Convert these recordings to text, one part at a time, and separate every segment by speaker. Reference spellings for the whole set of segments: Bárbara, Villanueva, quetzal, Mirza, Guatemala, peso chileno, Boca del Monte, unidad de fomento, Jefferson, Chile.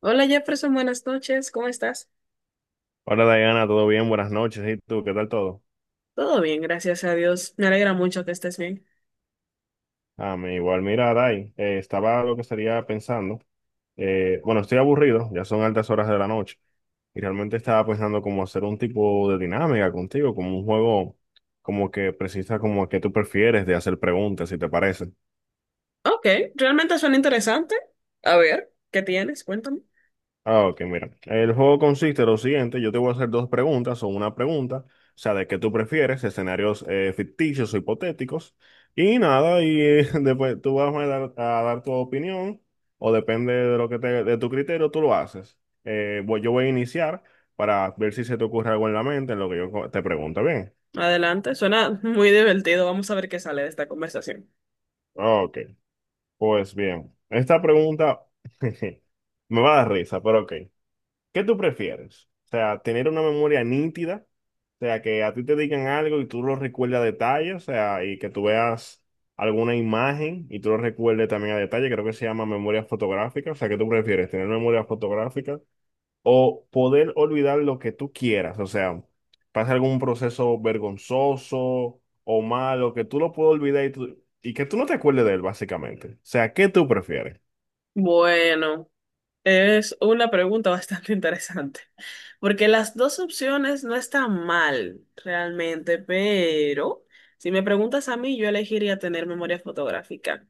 Speaker 1: Hola Jefferson, buenas noches, ¿cómo estás?
Speaker 2: Hola Diana, ¿todo bien? Buenas noches. ¿Y tú? ¿Qué tal todo?
Speaker 1: Todo bien, gracias a Dios. Me alegra mucho que estés bien.
Speaker 2: Ah, me igual, mira, Dai, estaba lo que estaría pensando. Bueno, Estoy aburrido, ya son altas horas de la noche. Y realmente estaba pensando como hacer un tipo de dinámica contigo, como un juego como que precisa como que tú prefieres de hacer preguntas, si te parece.
Speaker 1: Ok, realmente suena interesante. A ver, ¿qué tienes? Cuéntame.
Speaker 2: Ah, ok, mira. El juego consiste en lo siguiente, yo te voy a hacer dos preguntas o una pregunta, o sea, de qué tú prefieres, escenarios ficticios o hipotéticos, y nada, y después tú vas a dar tu opinión, o depende de lo que te, de tu criterio, tú lo haces. Yo voy a iniciar para ver si se te ocurre algo en la mente en lo que te pregunto, ¿bien?
Speaker 1: Adelante, suena muy divertido. Vamos a ver qué sale de esta conversación.
Speaker 2: Ok, pues bien, esta pregunta me va a dar risa, pero ok. ¿Qué tú prefieres? O sea, tener una memoria nítida, o sea, que a ti te digan algo y tú lo recuerdes a detalle, o sea, y que tú veas alguna imagen y tú lo recuerdes también a detalle, creo que se llama memoria fotográfica, o sea, ¿qué tú prefieres? ¿Tener memoria fotográfica o poder olvidar lo que tú quieras? O sea, pasa algún proceso vergonzoso o malo, que tú lo puedas olvidar y que tú no te acuerdes de él, básicamente. O sea, ¿qué tú prefieres?
Speaker 1: Bueno. Es una pregunta bastante interesante, porque las dos opciones no están mal realmente, pero si me preguntas a mí, yo elegiría tener memoria fotográfica,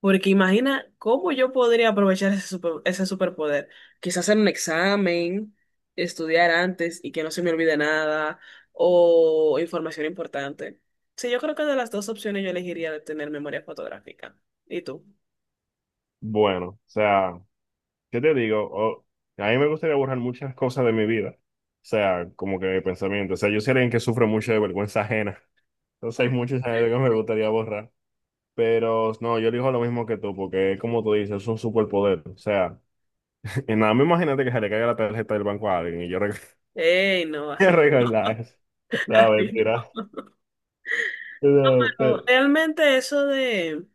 Speaker 1: porque imagina cómo yo podría aprovechar ese superpoder. Quizás hacer un examen, estudiar antes y que no se me olvide nada, o información importante. Sí, yo creo que de las dos opciones yo elegiría tener memoria fotográfica. ¿Y tú?
Speaker 2: Bueno, o sea... ¿Qué te digo? A mí me gustaría borrar muchas cosas de mi vida. O sea, como que de pensamiento. O sea, yo soy alguien que sufre mucho de vergüenza ajena. Entonces hay muchas cosas que me gustaría borrar. Pero no, yo digo lo mismo que tú, porque es como tú dices, es un superpoder. O sea, y nada más imagínate que se le caiga la tarjeta del banco a alguien y
Speaker 1: ¡Ey, no, así!
Speaker 2: regalar eso. La mentira. No, pero-
Speaker 1: No,
Speaker 2: eh,
Speaker 1: realmente eso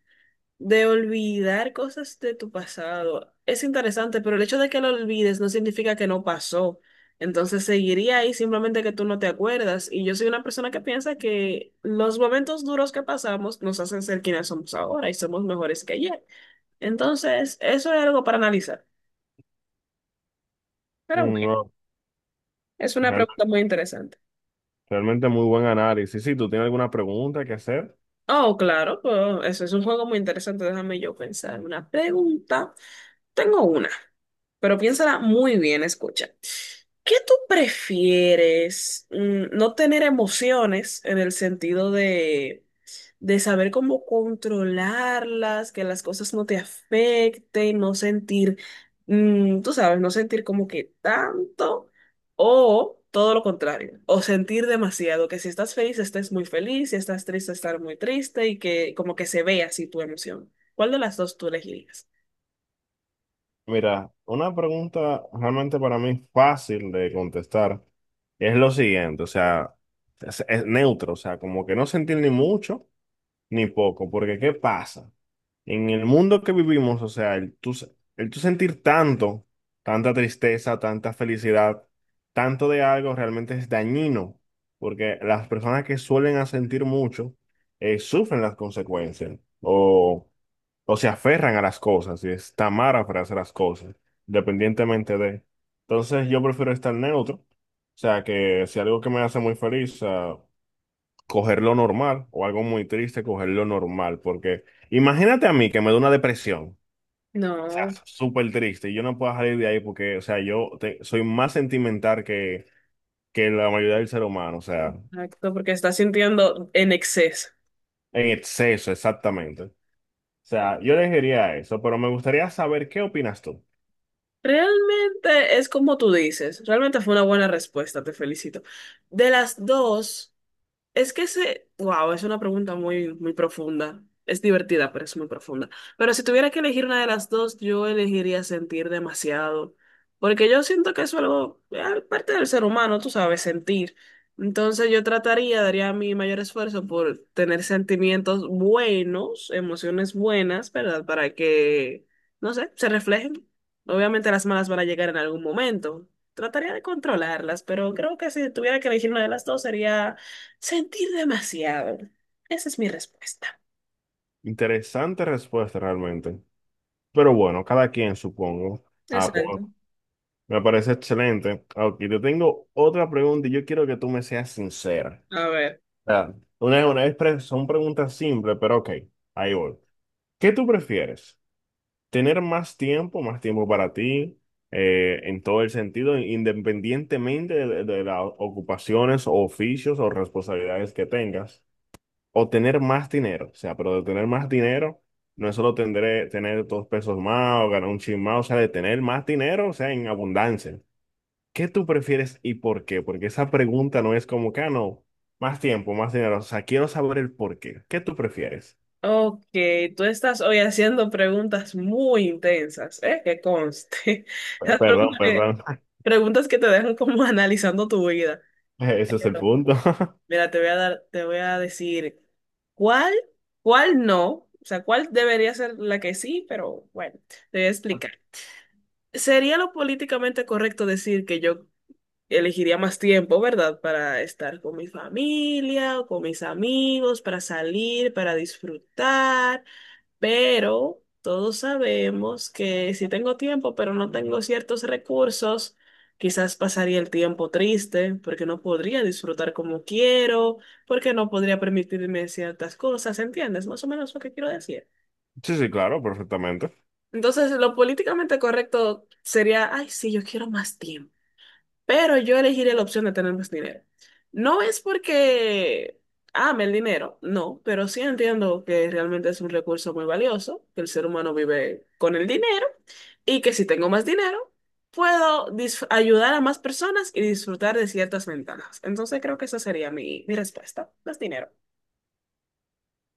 Speaker 1: de olvidar cosas de tu pasado es interesante, pero el hecho de que lo olvides no significa que no pasó. Entonces seguiría ahí simplemente que tú no te acuerdas. Y yo soy una persona que piensa que los momentos duros que pasamos nos hacen ser quienes somos ahora y somos mejores que ayer. Entonces, eso es algo para analizar. Pero
Speaker 2: mm,
Speaker 1: bueno,
Speaker 2: no,
Speaker 1: es una
Speaker 2: realmente,
Speaker 1: pregunta muy interesante.
Speaker 2: realmente muy buen análisis. Sí, ¿tú tienes alguna pregunta que hacer?
Speaker 1: Oh, claro, pues, eso es un juego muy interesante. Déjame yo pensar. Una pregunta. Tengo una. Pero piénsala muy bien, escucha. ¿Qué tú prefieres? No tener emociones en el sentido de saber cómo controlarlas, que las cosas no te afecten, no sentir, tú sabes, no sentir como que tanto, o todo lo contrario, o sentir demasiado, que si estás feliz estés muy feliz, si estás triste estar muy triste y que como que se vea así tu emoción. ¿Cuál de las dos tú elegirías?
Speaker 2: Mira, una pregunta realmente para mí fácil de contestar es lo siguiente, o sea, es neutro, o sea, como que no sentir ni mucho ni poco, porque ¿qué pasa? En el mundo que vivimos, o sea, el tú sentir tanto, tanta tristeza, tanta felicidad, tanto de algo realmente es dañino, porque las personas que suelen a sentir mucho sufren las consecuencias o se aferran a las cosas y están mal para hacer las cosas, independientemente de. Entonces yo prefiero estar neutro, o sea que si algo que me hace muy feliz, ah, coger lo normal o algo muy triste, coger lo normal, porque imagínate a mí que me da una depresión, o sea,
Speaker 1: No.
Speaker 2: súper triste y yo no puedo salir de ahí porque, o sea, soy más sentimental que la mayoría del ser humano, o sea,
Speaker 1: Exacto, porque estás sintiendo en exceso.
Speaker 2: en exceso, exactamente. O sea, yo elegiría eso, pero me gustaría saber qué opinas tú.
Speaker 1: Realmente es como tú dices, realmente fue una buena respuesta, te felicito. De las dos. Es que ese, wow, es una pregunta muy, muy profunda. Es divertida, pero es muy profunda. Pero si tuviera que elegir una de las dos, yo elegiría sentir demasiado. Porque yo siento que eso es algo, parte del ser humano, tú sabes, sentir. Entonces yo trataría, daría mi mayor esfuerzo por tener sentimientos buenos, emociones buenas, ¿verdad? Para que, no sé, se reflejen. Obviamente las malas van a llegar en algún momento. Trataría de controlarlas, pero creo que si tuviera que elegir una de las dos sería sentir demasiado. Esa es mi respuesta.
Speaker 2: Interesante respuesta realmente. Pero bueno, cada quien supongo. Ah,
Speaker 1: Exacto.
Speaker 2: pues me parece excelente. Ok, yo tengo otra pregunta y yo quiero que tú me seas sincera.
Speaker 1: A ver.
Speaker 2: O sea, una vez son preguntas simples, pero ok, ahí voy. ¿Qué tú prefieres? ¿Tener más tiempo para ti, en todo el sentido, independientemente de las ocupaciones o oficios o responsabilidades que tengas? O tener más dinero. O sea, pero de tener más dinero no es solo tendré, tener dos pesos más o ganar un chin más, o sea, de tener más dinero, o sea, en abundancia. ¿Qué tú prefieres y por qué? Porque esa pregunta no es como que, ah, no, más tiempo, más dinero. O sea, quiero saber el por qué. ¿Qué tú prefieres?
Speaker 1: Ok, tú estás hoy haciendo preguntas muy intensas, ¿eh? Que conste. Las
Speaker 2: Perdón, perdón.
Speaker 1: preguntas que te dejan como analizando tu vida.
Speaker 2: Ese es el
Speaker 1: Pero,
Speaker 2: punto.
Speaker 1: mira, te voy a dar, te voy a decir cuál, cuál no, o sea, cuál debería ser la que sí, pero bueno, te voy a explicar. ¿Sería lo políticamente correcto decir que yo elegiría más tiempo, ¿verdad? Para estar con mi familia, o con mis amigos, para salir, para disfrutar, pero todos sabemos que si tengo tiempo, pero no tengo ciertos recursos, quizás pasaría el tiempo triste, porque no podría disfrutar como quiero, porque no podría permitirme ciertas cosas, ¿entiendes? Más o menos lo que quiero decir.
Speaker 2: Sí, sí, claro, perfectamente.
Speaker 1: Entonces, lo políticamente correcto sería, ay, sí, yo quiero más tiempo. Pero yo elegiré la opción de tener más dinero. No es porque ame el dinero, no, pero sí entiendo que realmente es un recurso muy valioso, que el ser humano vive con el dinero y que si tengo más dinero, ayudar a más personas y disfrutar de ciertas ventajas. Entonces creo que esa sería mi respuesta, más dinero.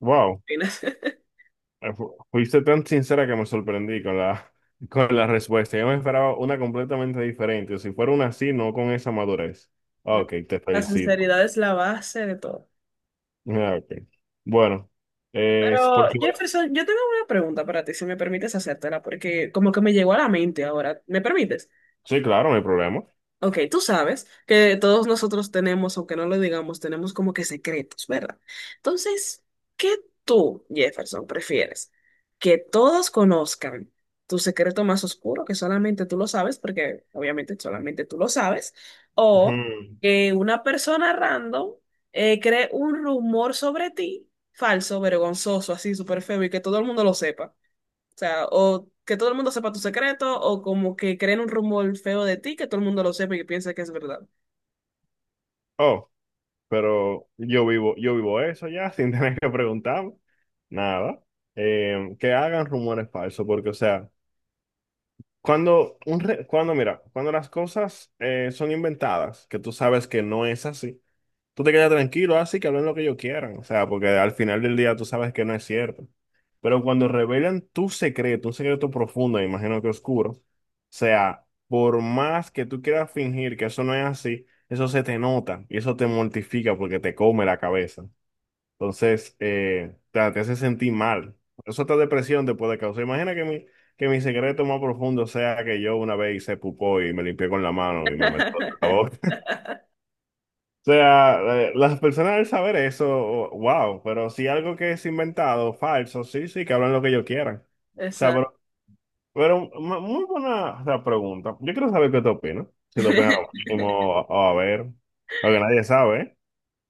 Speaker 2: Wow.
Speaker 1: Fines.
Speaker 2: Fuiste tan sincera que me sorprendí con la, con la respuesta. Yo me esperaba una completamente diferente. Si fuera una así, no con esa madurez. Ah, ok, te
Speaker 1: La
Speaker 2: felicito.
Speaker 1: sinceridad es la base de todo.
Speaker 2: Ah, ok. Bueno, es
Speaker 1: Pero
Speaker 2: por si-
Speaker 1: Jefferson, yo tengo una pregunta para ti, si me permites hacértela, porque como que me llegó a la mente ahora. ¿Me permites?
Speaker 2: Sí, claro, no hay problema.
Speaker 1: Ok, tú sabes que todos nosotros tenemos, aunque no lo digamos, tenemos como que secretos, ¿verdad? Entonces, ¿qué tú, Jefferson, prefieres? ¿Que todos conozcan tu secreto más oscuro, que solamente tú lo sabes, porque obviamente solamente tú lo sabes, o
Speaker 2: Ujú.
Speaker 1: que una persona random cree un rumor sobre ti, falso, vergonzoso, así súper feo, y que todo el mundo lo sepa? O sea, o que todo el mundo sepa tu secreto, o como que creen un rumor feo de ti, que todo el mundo lo sepa y que piensa que es verdad.
Speaker 2: Oh, pero yo vivo eso ya, sin tener que preguntarme. Nada. Que hagan rumores falsos, porque, o sea, cuando, un re- cuando, mira, cuando las cosas son inventadas, que tú sabes que no es así. Tú te quedas tranquilo, así que hablen lo que ellos quieran, o sea, porque al final del día tú sabes que no es cierto. Pero cuando revelan tu secreto, un secreto profundo, me imagino que oscuro, o sea, por más que tú quieras fingir que eso no es así, eso se te nota y eso te mortifica porque te come la cabeza. Entonces, te hace sentir mal. Eso otra depresión te puede causar. Imagina que mi secreto más profundo sea que yo una vez hice pupó y me limpié con la mano y me metí la boca. O sea, las personas al saber eso, wow, pero si algo que es inventado, falso, sí, sí, que hablan lo que ellos quieran. O sea,
Speaker 1: Exacto.
Speaker 2: pero muy buena, o sea, pregunta. Yo quiero saber qué te opinas. Si te opinas lo mismo o a ver, porque nadie sabe, ¿eh?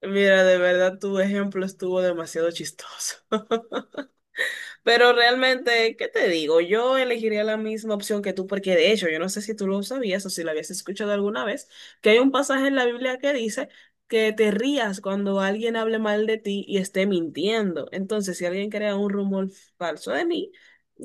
Speaker 1: Mira, de verdad, tu ejemplo estuvo demasiado chistoso. Pero realmente, ¿qué te digo? Yo elegiría la misma opción que tú, porque de hecho, yo no sé si tú lo sabías o si lo habías escuchado alguna vez, que hay un pasaje en la Biblia que dice que te rías cuando alguien hable mal de ti y esté mintiendo. Entonces, si alguien crea un rumor falso de mí,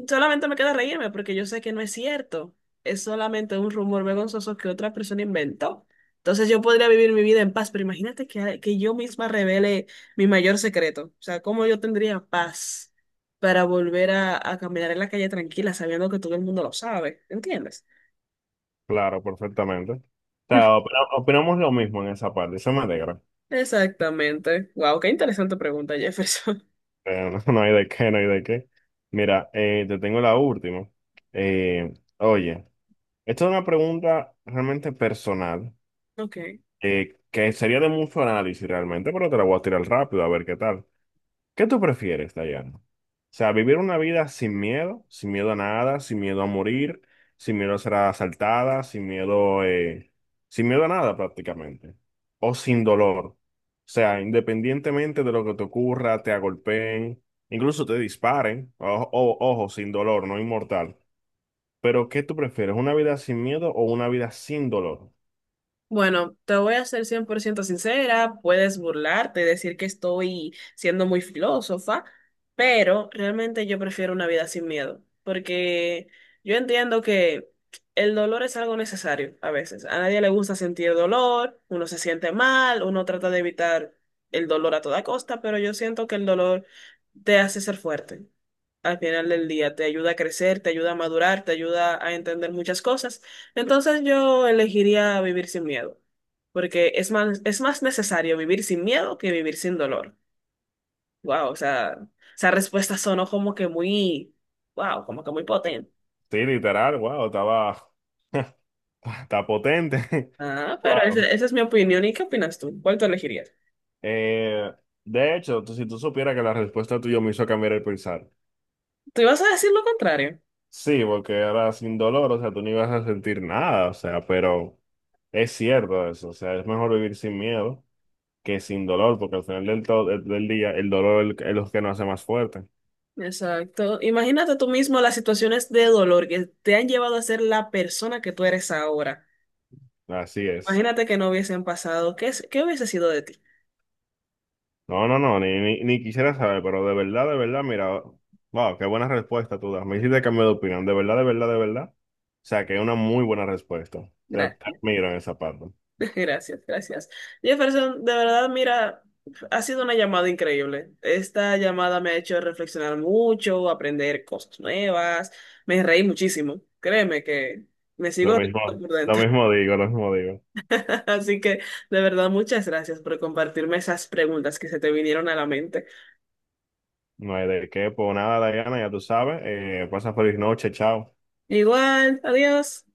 Speaker 1: solamente me queda reírme porque yo sé que no es cierto. Es solamente un rumor vergonzoso que otra persona inventó. Entonces yo podría vivir mi vida en paz, pero imagínate que yo misma revele mi mayor secreto. O sea, ¿cómo yo tendría paz? Para volver a caminar en la calle tranquila, sabiendo que todo el mundo lo sabe, ¿entiendes?
Speaker 2: Claro, perfectamente. O sea, opinamos lo mismo en esa parte, eso me alegra.
Speaker 1: Exactamente. Wow, qué interesante pregunta, Jefferson.
Speaker 2: No, no hay de qué, no hay de qué. Mira, te tengo la última. Eh, oye, esto es una pregunta realmente personal.
Speaker 1: Ok.
Speaker 2: Que sería de mucho análisis realmente, pero te la voy a tirar rápido a ver qué tal. ¿Qué tú prefieres, Dayana? O sea, vivir una vida sin miedo, sin miedo a nada, sin miedo a morir, sin miedo a ser asaltada, sin miedo a nada prácticamente, o sin dolor. O sea, independientemente de lo que te ocurra, te agolpeen, incluso te disparen, ojo, sin dolor, no inmortal. Pero ¿qué tú prefieres? ¿Una vida sin miedo o una vida sin dolor?
Speaker 1: Bueno, te voy a ser 100% sincera, puedes burlarte, decir que estoy siendo muy filósofa, pero realmente yo prefiero una vida sin miedo, porque yo entiendo que el dolor es algo necesario a veces. A nadie le gusta sentir dolor, uno se siente mal, uno trata de evitar el dolor a toda costa, pero yo siento que el dolor te hace ser fuerte al final del día. Te ayuda a crecer, te ayuda a madurar, te ayuda a entender muchas cosas. Entonces yo elegiría vivir sin miedo, porque es más necesario vivir sin miedo que vivir sin dolor. Wow, o sea, esa respuesta sonó como que muy, wow, como que muy potente.
Speaker 2: Sí, literal, está potente.
Speaker 1: Ah, pero
Speaker 2: Wow.
Speaker 1: esa es mi opinión. ¿Y qué opinas tú? ¿Cuál tú elegirías?
Speaker 2: Eh, si tú supieras que la respuesta tuya me hizo cambiar el pensar.
Speaker 1: Tú ibas a decir lo contrario.
Speaker 2: Sí, porque era sin dolor, o sea, tú no ibas a sentir nada, o sea, pero es cierto eso, o sea, es mejor vivir sin miedo que sin dolor, porque al final del día el dolor es es lo que nos hace más fuerte.
Speaker 1: Exacto. Imagínate tú mismo las situaciones de dolor que te han llevado a ser la persona que tú eres ahora.
Speaker 2: Así es.
Speaker 1: Imagínate que no hubiesen pasado. ¿Qué, qué hubiese sido de ti?
Speaker 2: No, no, no, ni, ni, ni quisiera saber, pero de verdad, mira, wow, qué buena respuesta tú das. Me hiciste cambiar de opinión, de verdad, de verdad, de verdad. O sea, que es una muy buena respuesta. O sea, te
Speaker 1: Gracias.
Speaker 2: admiro en esa parte.
Speaker 1: Gracias, gracias. Jefferson, de verdad, mira, ha sido una llamada increíble. Esta llamada me ha hecho reflexionar mucho, aprender cosas nuevas. Me reí muchísimo. Créeme que me
Speaker 2: Lo
Speaker 1: sigo
Speaker 2: mismo,
Speaker 1: riendo por
Speaker 2: lo
Speaker 1: dentro.
Speaker 2: mismo digo, lo mismo digo.
Speaker 1: Así que, de verdad, muchas gracias por compartirme esas preguntas que se te vinieron a la mente.
Speaker 2: No hay de qué, pues nada, Diana, ya tú sabes. Pasa feliz noche, chao.
Speaker 1: Igual, adiós.